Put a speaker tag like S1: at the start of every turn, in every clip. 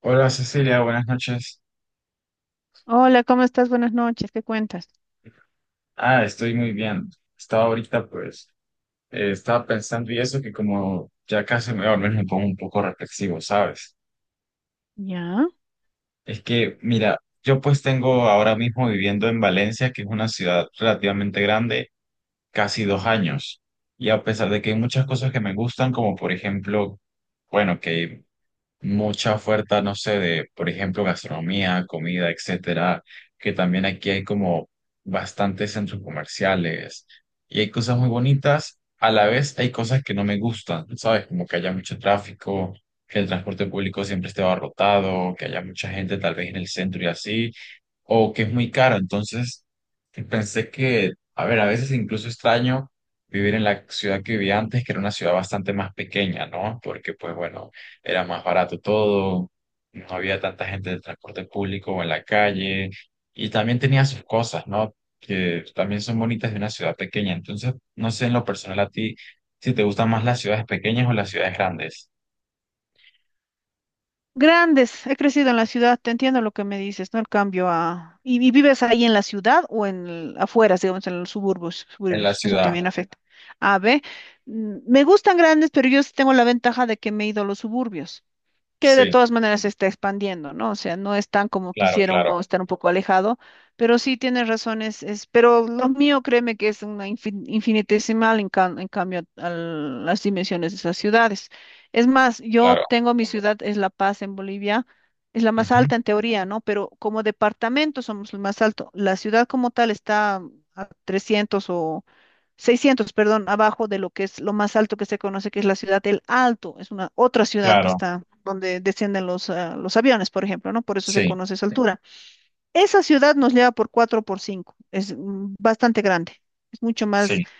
S1: Hola Cecilia, buenas noches.
S2: Hola, ¿cómo estás? Buenas noches, ¿qué cuentas?
S1: Ah, estoy muy bien. Estaba ahorita, pues, estaba pensando y eso que como ya casi me dormí, me pongo un poco reflexivo, ¿sabes?
S2: Ya.
S1: Es que, mira, yo pues tengo ahora mismo viviendo en Valencia, que es una ciudad relativamente grande, casi 2 años. Y a pesar de que hay muchas cosas que me gustan, como por ejemplo, bueno, que mucha oferta, no sé, de, por ejemplo, gastronomía, comida, etcétera, que también aquí hay como bastantes centros comerciales y hay cosas muy bonitas, a la vez hay cosas que no me gustan, ¿sabes? Como que haya mucho tráfico, que el transporte público siempre esté abarrotado, que haya mucha gente tal vez en el centro y así, o que es muy caro, entonces pensé que, a ver, a veces incluso extraño vivir en la ciudad que vivía antes, que era una ciudad bastante más pequeña, ¿no? Porque, pues bueno, era más barato todo, no había tanta gente de transporte público o en la calle, y también tenía sus cosas, ¿no? Que también son bonitas de una ciudad pequeña. Entonces, no sé en lo personal a ti si te gustan más las ciudades pequeñas o las ciudades grandes.
S2: Grandes, he crecido en la ciudad, te entiendo lo que me dices, ¿no? El cambio a. ¿Y vives ahí en la ciudad o en afuera, digamos, en los suburbios?
S1: En la
S2: Suburbios, eso
S1: ciudad,
S2: también afecta. A ver, me gustan grandes, pero yo sí tengo la ventaja de que me he ido a los suburbios, que de
S1: sí,
S2: todas maneras se está expandiendo, ¿no? O sea, no es tan como
S1: claro,
S2: quisiera
S1: claro,
S2: uno estar un poco alejado, pero sí tienes razones, pero lo mío, créeme que es una infinitesimal en cambio a las dimensiones de esas ciudades. Es más, yo
S1: claro.
S2: tengo mi ciudad, es La Paz en Bolivia, es la más
S1: Ujú,
S2: alta en teoría, ¿no? Pero como departamento somos el más alto. La ciudad como tal está a 300 o 600, perdón, abajo de lo que es lo más alto que se conoce, que es la ciudad del Alto. Es una otra ciudad que
S1: claro,
S2: está donde descienden los aviones, por ejemplo, ¿no? Por eso se
S1: sí,
S2: conoce esa, sí, altura. Esa ciudad nos lleva por 4 por 5. Es bastante grande. Es mucho más
S1: sí.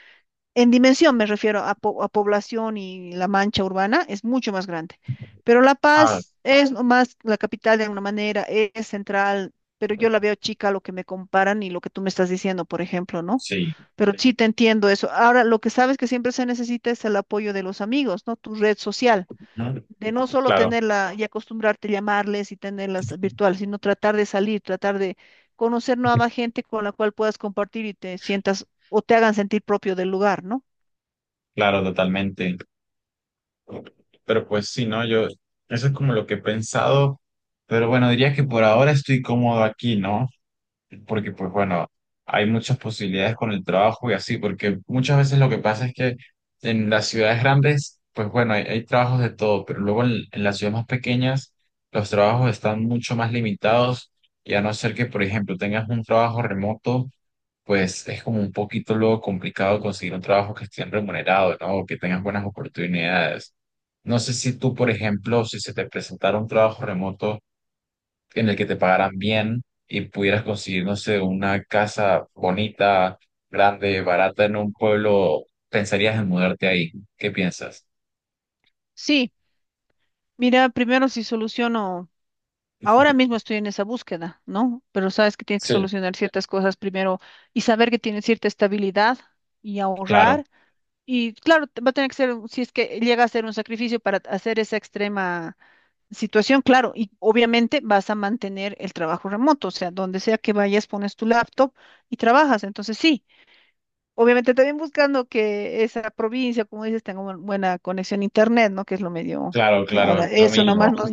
S2: en dimensión, me refiero a población y la mancha urbana, es mucho más grande. Pero La
S1: Ah,
S2: Paz es nomás la capital de alguna manera, es central, pero yo la veo chica a lo que me comparan y lo que tú me estás diciendo, por ejemplo, ¿no?
S1: sí.
S2: Pero, sí, sí te entiendo eso. Ahora, lo que sabes que siempre se necesita es el apoyo de los amigos, ¿no? Tu red social,
S1: Ujú,
S2: de no solo
S1: claro,
S2: tenerla y acostumbrarte a llamarles y tenerlas virtuales, sino tratar de salir, tratar de conocer nueva gente con la cual puedas compartir y te sientas o te hagan sentir propio del lugar, ¿no?
S1: claro, totalmente. Pero pues sí, ¿no? Yo, eso es como lo que he pensado, pero bueno, diría que por ahora estoy cómodo aquí, ¿no? Porque pues bueno, hay muchas posibilidades con el trabajo y así, porque muchas veces lo que pasa es que en las ciudades grandes, pues bueno, hay trabajos de todo, pero luego en las ciudades más pequeñas, los trabajos están mucho más limitados y a no ser que, por ejemplo, tengas un trabajo remoto pues es como un poquito luego complicado conseguir un trabajo que esté remunerado, ¿no? O que tengas buenas oportunidades. No sé si tú, por ejemplo, si se te presentara un trabajo remoto en el que te pagaran bien y pudieras conseguir, no sé, una casa bonita, grande, barata en un pueblo, ¿pensarías en mudarte ahí? ¿Qué piensas?
S2: Sí, mira, primero si soluciono, ahora mismo estoy en esa búsqueda, ¿no? Pero sabes que tienes que
S1: Sí,
S2: solucionar ciertas cosas primero y saber que tienes cierta estabilidad y
S1: claro,
S2: ahorrar. Y claro, va a tener que ser, si es que llega a ser un sacrificio para hacer esa extrema situación, claro, y obviamente vas a mantener el trabajo remoto, o sea, donde sea que vayas, pones tu laptop y trabajas. Entonces, sí. Obviamente también buscando que esa provincia, como dices, tenga una buena conexión a internet, ¿no? Que es lo medio
S1: claro,
S2: que
S1: claro,
S2: ahora
S1: lo
S2: eso
S1: mismo.
S2: nomás no,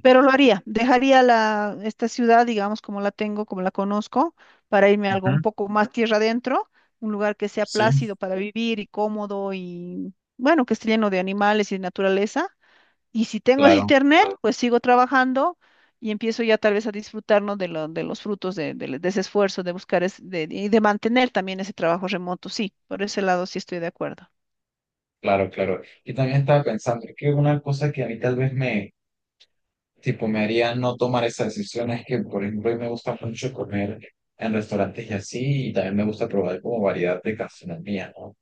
S2: pero lo haría, dejaría la esta ciudad, digamos, como la tengo, como la conozco, para irme a algo un poco más tierra adentro, un lugar que sea
S1: Sí,
S2: plácido para vivir y cómodo y bueno, que esté lleno de animales y de naturaleza, y si tengo
S1: claro,
S2: internet, pues sigo trabajando y empiezo ya tal vez a disfrutar, ¿no? De los frutos de ese esfuerzo, de buscar y de mantener también ese trabajo remoto. Sí, por ese lado sí estoy de acuerdo.
S1: claro, claro. Y también estaba pensando que una cosa que a mí tal vez me, tipo, me haría no tomar esas decisiones que, por ejemplo, a mí me gusta mucho comer en restaurantes y así, y también me gusta probar como variedad de gastronomía, ¿no?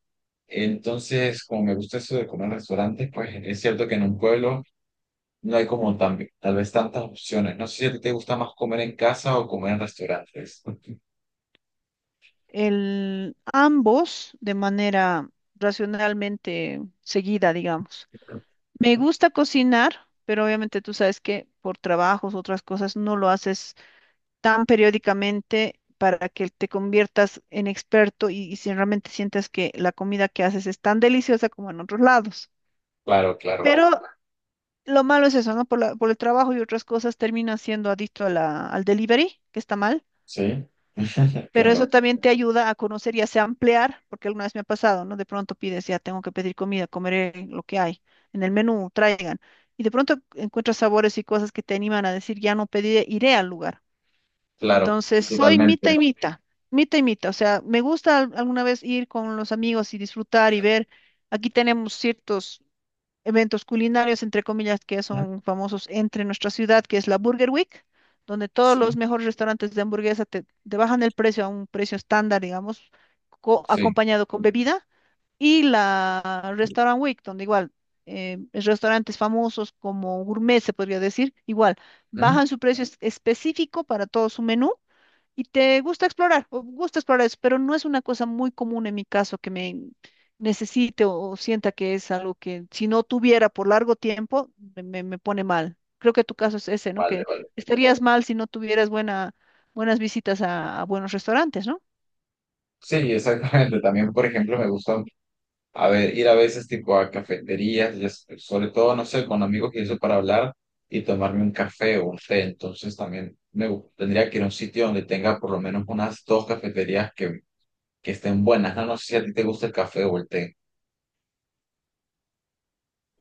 S1: Entonces, como me gusta eso de comer en restaurantes, pues es cierto que en un pueblo no hay como tan, tal vez tantas opciones. No sé si a ti te gusta más comer en casa o comer en restaurantes.
S2: Ambos de manera racionalmente seguida, digamos. Me gusta cocinar, pero obviamente tú sabes que por trabajos, otras cosas, no lo haces tan periódicamente para que te conviertas en experto y si realmente sientas que la comida que haces es tan deliciosa como en otros lados.
S1: Claro, claro,
S2: Pero lo malo es eso, ¿no? Por el trabajo y otras cosas terminas siendo adicto a al delivery, que está mal.
S1: sí,
S2: Pero
S1: claro,
S2: eso también te ayuda a conocer y hace ampliar, porque alguna vez me ha pasado, ¿no? De pronto pides, ya tengo que pedir comida, comeré lo que hay en el menú, traigan. Y de pronto encuentras sabores y cosas que te animan a decir, ya no pediré, iré al lugar.
S1: claro,
S2: Entonces, soy
S1: totalmente.
S2: mitad y mitad, mitad y mitad. O sea, me gusta alguna vez ir con los amigos y disfrutar y ver. Aquí tenemos ciertos eventos culinarios, entre comillas, que
S1: Ujú,
S2: son famosos entre nuestra ciudad, que es la Burger Week, donde todos los
S1: sí,
S2: mejores restaurantes de hamburguesa te bajan el precio a un precio estándar, digamos,
S1: sí,
S2: acompañado con bebida. Y la Restaurant Week, donde igual restaurantes famosos como gourmet, se podría decir, igual
S1: ujú,
S2: bajan su precio específico para todo su menú, y te gusta explorar, o gusta explorar eso, pero no es una cosa muy común en mi caso que me necesite o sienta que es algo que si no tuviera por largo tiempo me pone mal. Creo que tu caso es ese, ¿no?
S1: vale,
S2: Que
S1: vale.
S2: estarías mal si no tuvieras buena, buenas visitas a buenos restaurantes, ¿no?
S1: Sí, exactamente. También, por ejemplo, me gusta a ver, ir a veces tipo a cafeterías, y sobre todo, no sé, con amigos y eso para hablar y tomarme un café o un té. Entonces también tendría que ir a un sitio donde tenga por lo menos unas dos cafeterías que estén buenas. No, no sé si a ti te gusta el café o el té.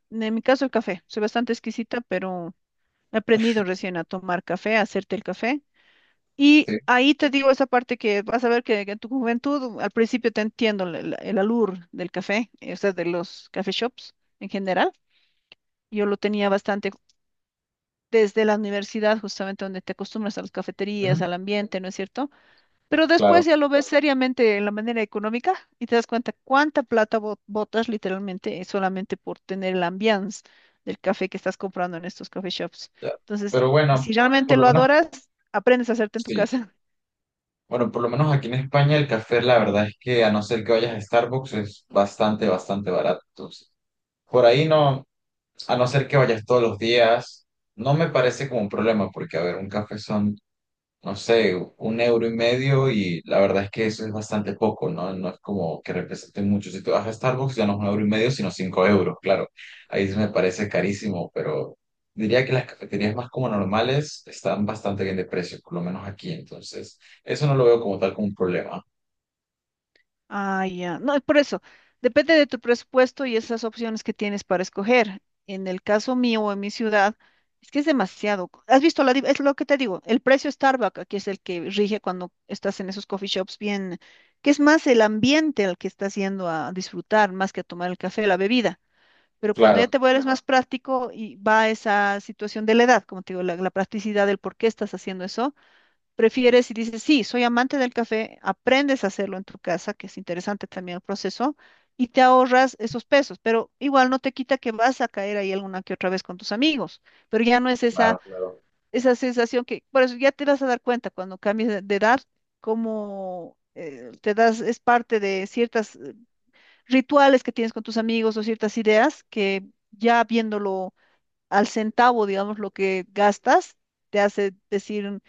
S2: En mi caso el café, soy bastante exquisita, pero he aprendido recién a tomar café, a hacerte el café. Y
S1: Sí.
S2: ahí te digo esa parte que vas a ver que en tu juventud, al principio te entiendo el, alur del café, o sea, de los café shops en general. Yo lo tenía bastante desde la universidad, justamente donde te acostumbras a las cafeterías,
S1: Ujú,
S2: al ambiente, ¿no es cierto? Pero después
S1: claro.
S2: ya lo ves seriamente en la manera económica y te das cuenta cuánta plata botas literalmente, solamente por tener el ambiance del café que estás comprando en estos café shops.
S1: Ya.
S2: Entonces,
S1: Pero bueno,
S2: si realmente
S1: por lo
S2: lo
S1: menos,
S2: adoras, aprendes a hacerte en tu
S1: sí.
S2: casa.
S1: Bueno, por lo menos aquí en España el café, la verdad es que a no ser que vayas a Starbucks, es bastante, bastante barato. Entonces, por ahí no. A no ser que vayas todos los días, no me parece como un problema, porque, a ver, un café son, no sé, un euro y medio, y la verdad es que eso es bastante poco, ¿no? No es como que represente mucho. Si tú vas a Starbucks, ya no es un euro y medio, sino 5 euros, claro. Ahí sí me parece carísimo, pero diría que las cafeterías más como normales están bastante bien de precio, por lo menos aquí. Entonces, eso no lo veo como tal como un problema.
S2: Ah, ya. No, por eso, depende de tu presupuesto y esas opciones que tienes para escoger. En el caso mío o en mi ciudad, es que es demasiado. ¿Has visto? Es lo que te digo, el precio Starbucks, que es el que rige cuando estás en esos coffee shops bien, que es más el ambiente al que estás yendo a disfrutar, más que a tomar el café, la bebida. Pero cuando ya
S1: Claro,
S2: te vuelves más práctico y va esa situación de la edad, como te digo, la practicidad del por qué estás haciendo eso. Prefieres y dices, sí, soy amante del café, aprendes a hacerlo en tu casa, que es interesante también el proceso, y te ahorras esos pesos, pero igual no te quita que vas a caer ahí alguna que otra vez con tus amigos, pero ya no es
S1: claro,
S2: esa,
S1: claro,
S2: esa sensación que, por eso ya te vas a dar cuenta cuando cambies de edad, cómo, te das, es parte de ciertos rituales que tienes con tus amigos o ciertas ideas que ya viéndolo al centavo, digamos, lo que gastas, te hace decir.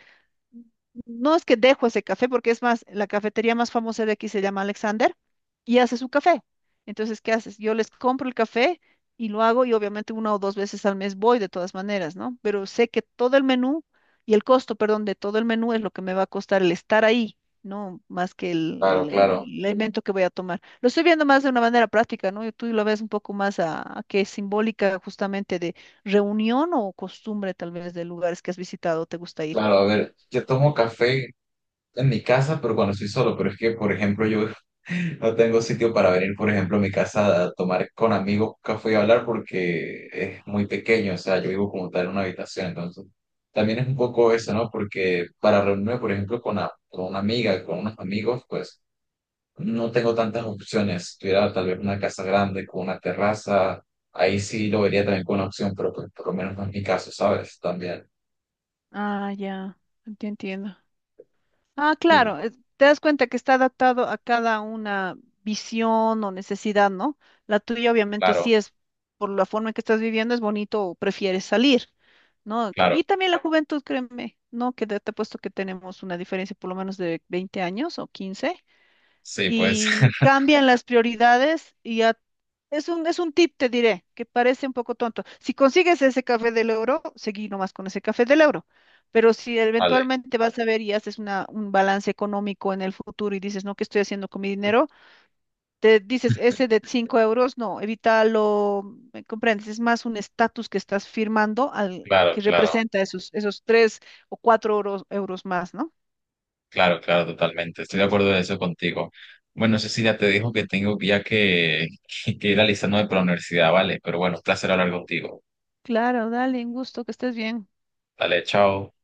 S2: No es que dejo ese café, porque es más, la cafetería más famosa de aquí se llama Alexander y hace su café. Entonces, ¿qué haces? Yo les compro el café y lo hago y obviamente una o dos veces al mes voy de todas maneras, ¿no? Pero sé que todo el menú y el costo, perdón, de todo el menú es lo que me va a costar el estar ahí, ¿no? Más que
S1: claro,
S2: el
S1: claro.
S2: elemento que voy a tomar. Lo estoy viendo más de una manera práctica, ¿no? Y tú lo ves un poco más a que es simbólica justamente de reunión o costumbre tal vez de lugares que has visitado o te gusta ir.
S1: Claro, a ver, yo tomo café en mi casa, pero cuando estoy solo, pero es que, por ejemplo, yo no tengo sitio para venir, por ejemplo, a mi casa a tomar con amigos café y hablar porque es muy pequeño, o sea, yo vivo como tal en una habitación, entonces también es un poco eso, ¿no? Porque para reunirme, por ejemplo, con, con una amiga, con unos amigos, pues no tengo tantas opciones. Si tuviera tal vez una casa grande con una terraza, ahí sí lo vería también como una opción, pero pues, por lo menos no es mi caso, ¿sabes? También.
S2: Ah, ya, te entiendo. Ah,
S1: Sí,
S2: claro, te das cuenta que está adaptado a cada una visión o necesidad, ¿no? La tuya obviamente
S1: claro,
S2: sí es, por la forma en que estás viviendo, es bonito o prefieres salir, ¿no? Co-
S1: claro.
S2: Y también la juventud, créeme, ¿no? Que te he puesto que tenemos una diferencia por lo menos de 20 años o 15,
S1: Sí, pues,
S2: y cambian las prioridades, y ya es un tip, te diré, que parece un poco tonto. Si consigues ese café del euro, seguí nomás con ese café del euro. Pero si
S1: vale.
S2: eventualmente vas a ver y haces un balance económico en el futuro y dices, no, ¿qué estoy haciendo con mi dinero? Te dices, ese de 5 euros, no, evítalo, ¿me comprendes? Es más un estatus que estás firmando al
S1: Claro,
S2: que
S1: claro.
S2: representa esos 3 o 4 euros más, ¿no?
S1: Claro, claro, totalmente. Estoy de acuerdo de eso contigo. Bueno, Cecilia, te dijo que tengo ya que, que ir alistándome para la universidad, ¿vale? Pero bueno, un placer hablar contigo.
S2: Claro, dale, un gusto, que estés bien.
S1: Dale, chao.